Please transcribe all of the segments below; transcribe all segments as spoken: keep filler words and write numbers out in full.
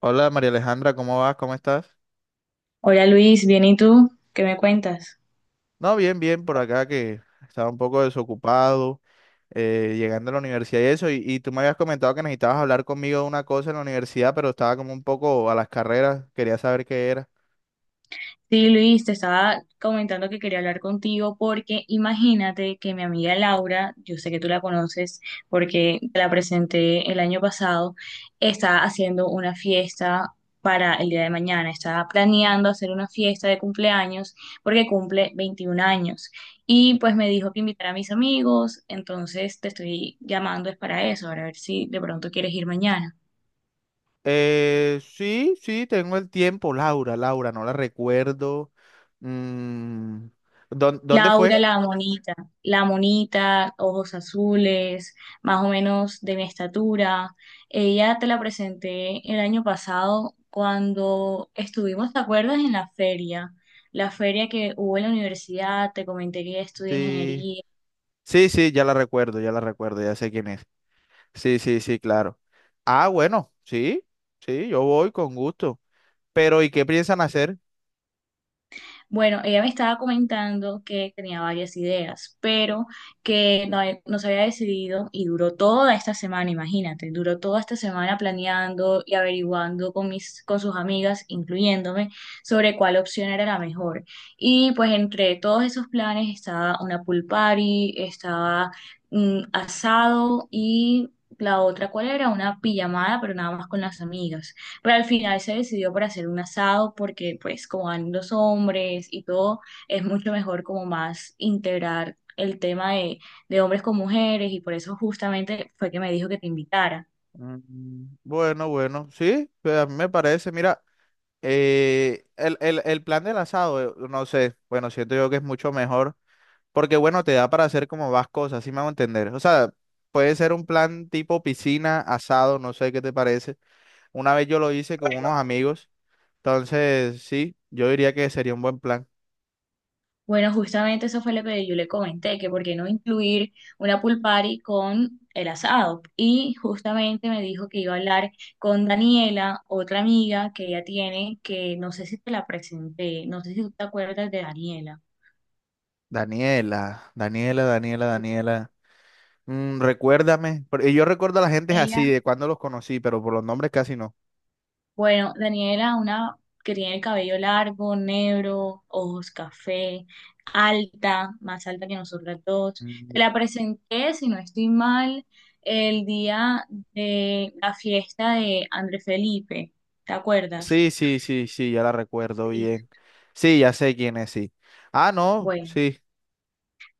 Hola María Alejandra, ¿cómo vas? ¿Cómo estás? Hola Luis, bien, ¿y tú? ¿Qué me cuentas? No, bien, bien, por acá que estaba un poco desocupado, eh, llegando a la universidad y eso, y, y tú me habías comentado que necesitabas hablar conmigo de una cosa en la universidad, pero estaba como un poco a las carreras, quería saber qué era. Sí, Luis, te estaba comentando que quería hablar contigo porque imagínate que mi amiga Laura, yo sé que tú la conoces porque te la presenté el año pasado, está haciendo una fiesta para el día de mañana, está planeando hacer una fiesta de cumpleaños porque cumple veintiún años y pues me dijo que invitara a mis amigos, entonces te estoy llamando es para eso, para ver si de pronto quieres ir mañana. Eh, sí, sí, tengo el tiempo. Laura, Laura, no la recuerdo. Mm, ¿dón- ¿dónde fue? Laura la monita, la monita, ojos azules, más o menos de mi estatura. Ella te la presenté el año pasado cuando estuvimos, ¿te acuerdas? En la feria, la feria que hubo en la universidad, te comenté que ella estudia Sí, ingeniería. sí, sí, ya la recuerdo, ya la recuerdo, ya sé quién es. Sí, sí, sí, claro. Ah, bueno, sí, sí, yo voy con gusto. Pero, ¿y qué piensan hacer? Bueno, ella me estaba comentando que tenía varias ideas, pero que no, he- no se había decidido y duró toda esta semana, imagínate, duró toda esta semana planeando y averiguando con mis, con sus amigas, incluyéndome, sobre cuál opción era la mejor. Y pues entre todos esos planes estaba una pool party, estaba mm, asado y la otra, ¿cuál era? Una pijamada, pero nada más con las amigas. Pero al final se decidió por hacer un asado porque pues como van los hombres y todo, es mucho mejor como más integrar el tema de, de hombres con mujeres y por eso justamente fue que me dijo que te invitara. Mm, bueno, bueno, sí, pues a mí me parece, mira, eh, el, el- el plan del asado, eh, no sé, bueno, siento yo que es mucho mejor, porque bueno, te da para hacer como más cosas, así me hago entender. O sea, puede ser un plan tipo piscina, asado, no sé qué te parece. Una vez yo lo hice con unos amigos, entonces sí, yo diría que sería un buen plan. Bueno, justamente eso fue lo que yo le comenté, que por qué no incluir una pool party con el asado. Y justamente me dijo que iba a hablar con Daniela, otra amiga que ella tiene, que no sé si te la presenté, no sé si tú te acuerdas de Daniela. Daniela, Daniela, Daniela, Daniela. Mm, recuérdame, por- y yo recuerdo a la gente Ella así, de cuando los conocí, pero por los nombres casi no. Bueno, Daniela, una que tiene el cabello largo, negro, ojos café, alta, más alta que nosotras dos. Mm, Te la presenté, si no estoy mal, el día de la fiesta de André Felipe. ¿Te acuerdas? sí, sí, sí, sí, ya la recuerdo Sí. bien. Sí, ya sé quién es, sí. Ah, no, Bueno. sí.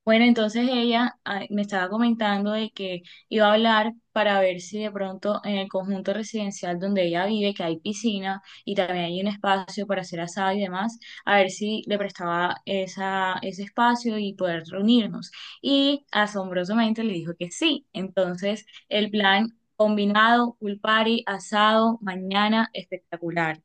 Bueno, entonces ella ah, me estaba comentando de que iba a hablar para ver si de pronto en el conjunto residencial donde ella vive, que hay piscina y también hay un espacio para hacer asado y demás, a ver si le prestaba esa, ese espacio y poder reunirnos. Y asombrosamente le dijo que sí. Entonces, el plan combinado, pool party, asado, mañana, espectacular.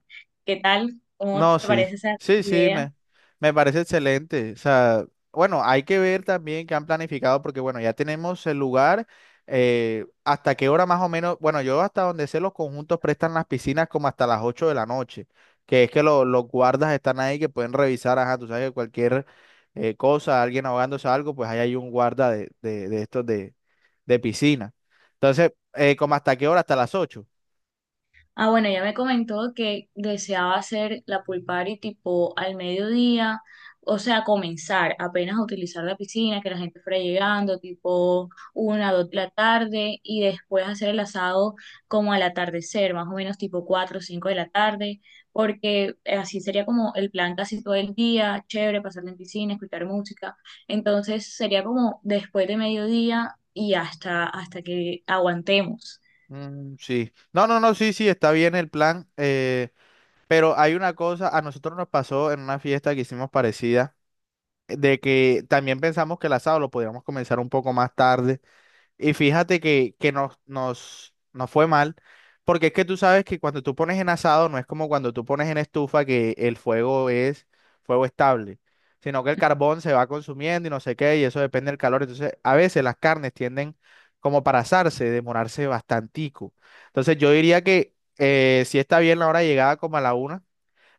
¿Qué tal? ¿Cómo No, te sí, parece esa sí, sí, idea? me, me parece excelente. O sea, bueno, hay que ver también qué han planificado porque, bueno, ya tenemos el lugar, eh, hasta qué hora más o menos, bueno, yo hasta donde sé los conjuntos prestan las piscinas como hasta las ocho de la noche, que es que lo- los guardas están ahí que pueden revisar, ajá, tú sabes que cualquier eh, cosa, alguien ahogándose a algo, pues ahí hay un guarda de, de, de estos de, de piscina. Entonces, eh, como hasta qué hora, hasta las ocho. Ah, bueno, ya me comentó que deseaba hacer la pool party tipo al mediodía, o sea, comenzar apenas a utilizar la piscina, que la gente fuera llegando, tipo una, dos de la tarde, y después hacer el asado como al atardecer, más o menos tipo cuatro o cinco de la tarde, porque así sería como el plan casi todo el día, chévere, pasar en piscina, escuchar música. Entonces sería como después de mediodía y hasta, hasta que aguantemos. Mm, sí. No, no, no, sí, sí, está bien el plan. eh, Pero hay una cosa, a nosotros nos pasó en una fiesta que hicimos parecida, eh, de que también pensamos que el asado lo podíamos comenzar un poco más tarde. Y fíjate que, que nos, nos, nos fue mal, porque es que tú sabes que cuando tú pones en asado no es como cuando tú pones en estufa que el fuego es fuego estable, sino que el carbón se va consumiendo y no sé qué, y eso depende del calor. Entonces, a veces las carnes tienden como para asarse, demorarse bastantico. Entonces, yo diría que eh, si está bien la hora de llegada como a la una,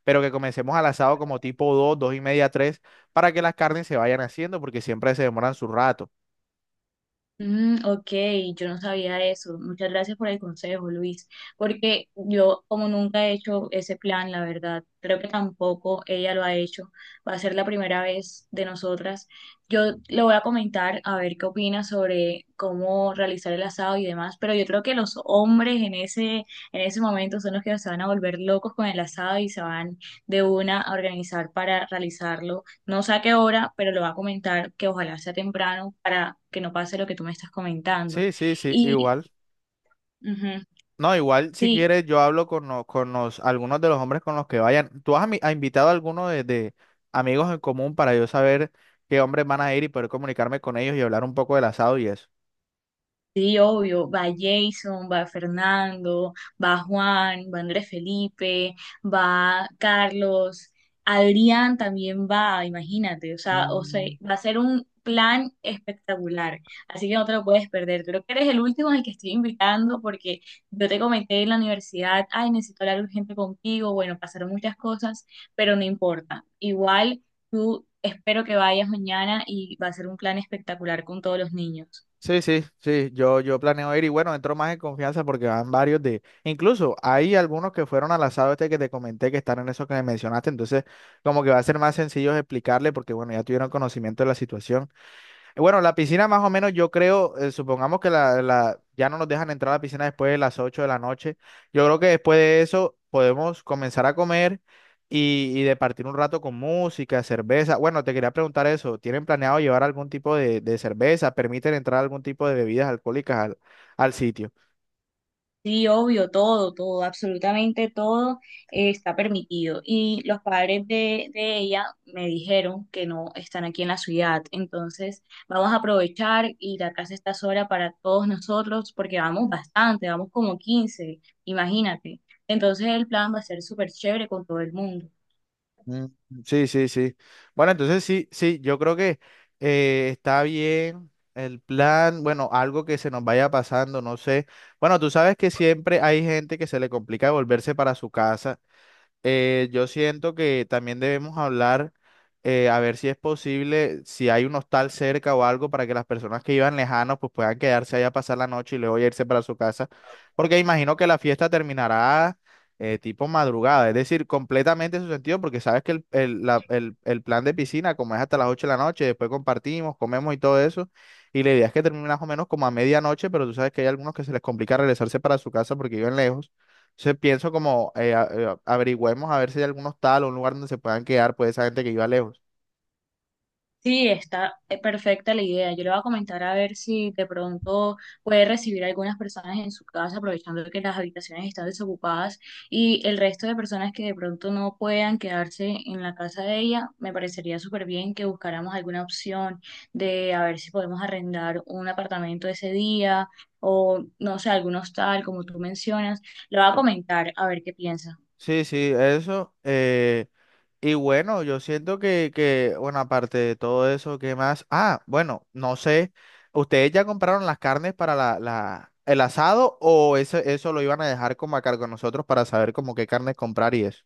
pero que comencemos al asado como tipo dos, dos y media, tres, para que las carnes se vayan haciendo, porque siempre se demoran su rato. Mm, ok, yo no sabía eso. Muchas gracias por el consejo, Luis, porque yo como nunca he hecho ese plan, la verdad, creo que tampoco ella lo ha hecho. Va a ser la primera vez de nosotras. Yo le voy a comentar a ver qué opina sobre cómo realizar el asado y demás, pero yo creo que los hombres en ese, en ese momento son los que se van a volver locos con el asado y se van de una a organizar para realizarlo no sé a qué hora, pero le voy a comentar que ojalá sea temprano para que no pase lo que tú me estás comentando. Sí, sí, sí, Y igual. ujú, No, igual si sí, quieres yo hablo con, lo- con los, algunos de los hombres con los que vayan. ¿Tú has, ami- has invitado a alguno de, de amigos en común para yo saber qué hombres van a ir y poder comunicarme con ellos y hablar un poco del asado y eso? sí, obvio, va Jason, va Fernando, va Juan, va Andrés Felipe, va Carlos, Adrián también va, imagínate, o sea, o sea, Mm, va a ser un plan espectacular, así que no te lo puedes perder. Creo que eres el último al que estoy invitando porque yo te comenté en la universidad, ay, necesito hablar urgente contigo, bueno, pasaron muchas cosas, pero no importa, igual tú espero que vayas mañana y va a ser un plan espectacular con todos los niños. sí, sí, sí, yo, yo planeo ir y bueno, entro más en confianza porque van varios de, incluso hay algunos que fueron al asado este que te comenté que están en eso que me mencionaste, entonces como que va a ser más sencillo explicarle porque bueno, ya tuvieron conocimiento de la situación. Bueno, la piscina más o menos yo creo, eh, supongamos que la, la- ya no nos dejan entrar a la piscina después de las ocho de la noche. Yo creo que después de eso podemos comenzar a comer y, y de partir un rato con música, cerveza. Bueno, te quería preguntar eso. ¿Tienen planeado llevar algún tipo de, de cerveza? ¿Permiten entrar algún tipo de bebidas alcohólicas al, al sitio? Sí, obvio, todo, todo, absolutamente todo eh, está permitido. Y los padres de, de ella me dijeron que no están aquí en la ciudad. Entonces, vamos a aprovechar y la casa está sola para todos nosotros porque vamos bastante, vamos como quince imagínate. Entonces, el plan va a ser súper chévere con todo el mundo. Mm, sí, sí, sí. Bueno, entonces sí, sí, yo creo que eh, está bien el plan, bueno, algo que se nos vaya pasando, no sé. Bueno, tú sabes que siempre hay gente que se le complica volverse para su casa. Eh, yo siento que también debemos hablar, eh, a ver si es posible, si hay un hostal cerca o algo para que las personas que iban lejanos pues puedan quedarse allá a pasar la noche y luego ya irse para su casa, porque imagino que la fiesta terminará eh, tipo madrugada, es decir, completamente en su sentido, porque sabes que el, el- la- el- el plan de piscina, como es hasta las ocho de la noche, después compartimos, comemos y todo eso, y la idea es que termine más o menos como a medianoche, pero tú sabes que hay algunos que se les complica regresarse para su casa porque viven lejos. Entonces pienso como eh, a- eh, averigüemos a ver si hay algún hostal o un lugar donde se puedan quedar pues esa gente que iba lejos. Sí, está eh, perfecta la idea. Yo le voy a comentar a ver si de pronto puede recibir a algunas personas en su casa, aprovechando que las habitaciones están desocupadas y el resto de personas que de pronto no puedan quedarse en la casa de ella, me parecería súper bien que buscáramos alguna opción de a ver si podemos arrendar un apartamento ese día o no sé, algún hostal, como tú mencionas. Le voy a comentar a ver qué piensa. Sí, sí, eso. Eh, y bueno, yo siento que, que, bueno, aparte de todo eso, ¿qué más? Ah, bueno, no sé, ¿ustedes ya compraron las carnes para la, la, el asado o eso, eso lo iban a dejar como a cargo de nosotros para saber como qué carnes comprar y eso?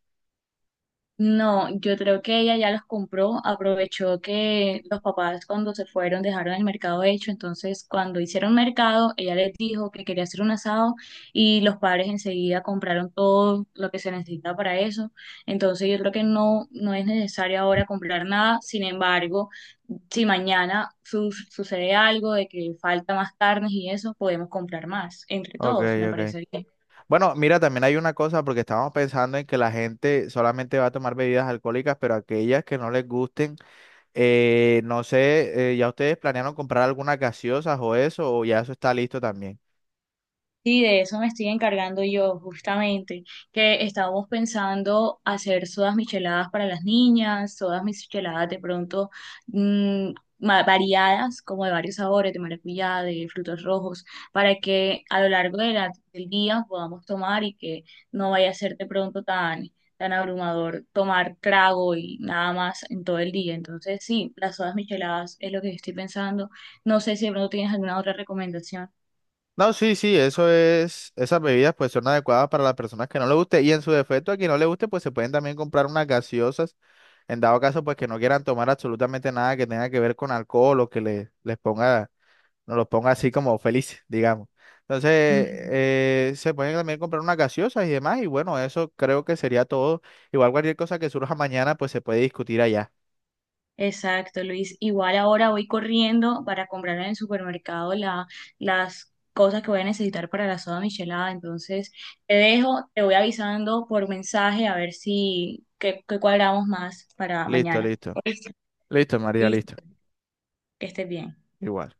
No, yo creo que ella ya los compró, aprovechó que los papás cuando se fueron dejaron el mercado hecho, entonces cuando hicieron mercado, ella les dijo que quería hacer un asado y los padres enseguida compraron todo lo que se necesita para eso, entonces yo creo que no, no es necesario ahora comprar nada, sin embargo, si mañana su- sucede algo de que falta más carnes y eso, podemos comprar más, entre Ok, todos, me ok. parece bien. Bueno, mira, también hay una cosa porque estábamos pensando en que la gente solamente va a tomar bebidas alcohólicas, pero aquellas que no les gusten. Eh, no sé, eh, ¿ya ustedes planearon comprar algunas gaseosas o eso, o ya eso está listo también? Sí, de eso me estoy encargando yo, justamente, que estábamos pensando hacer sodas micheladas para las niñas, sodas micheladas de pronto mm, ma- variadas, como de varios sabores, de maracuyá, de frutos rojos, para que a lo largo de la- del día podamos tomar y que no vaya a ser de pronto tan, tan abrumador tomar trago y nada más en todo el día. Entonces, sí, las sodas micheladas es lo que estoy pensando. No sé si de pronto tienes alguna otra recomendación. No, sí, sí, eso es, esas bebidas pues son adecuadas para las personas que no le guste y en su defecto a quien no le guste pues se pueden también comprar unas gaseosas en dado caso pues que no quieran tomar absolutamente nada que tenga que ver con alcohol o que le, les ponga, no los ponga así como felices, digamos. Entonces, eh, se pueden también comprar unas gaseosas y demás y bueno, eso creo que sería todo. Igual cualquier cosa que surja mañana pues se puede discutir allá. Exacto, Luis. Igual ahora voy corriendo para comprar en el supermercado la, las cosas que voy a necesitar para la soda michelada. Entonces, te dejo, te voy avisando por mensaje a ver si qué, qué cuadramos más para Listo, mañana. listo. Listo, María, listo. Listo, que estés bien. Igual.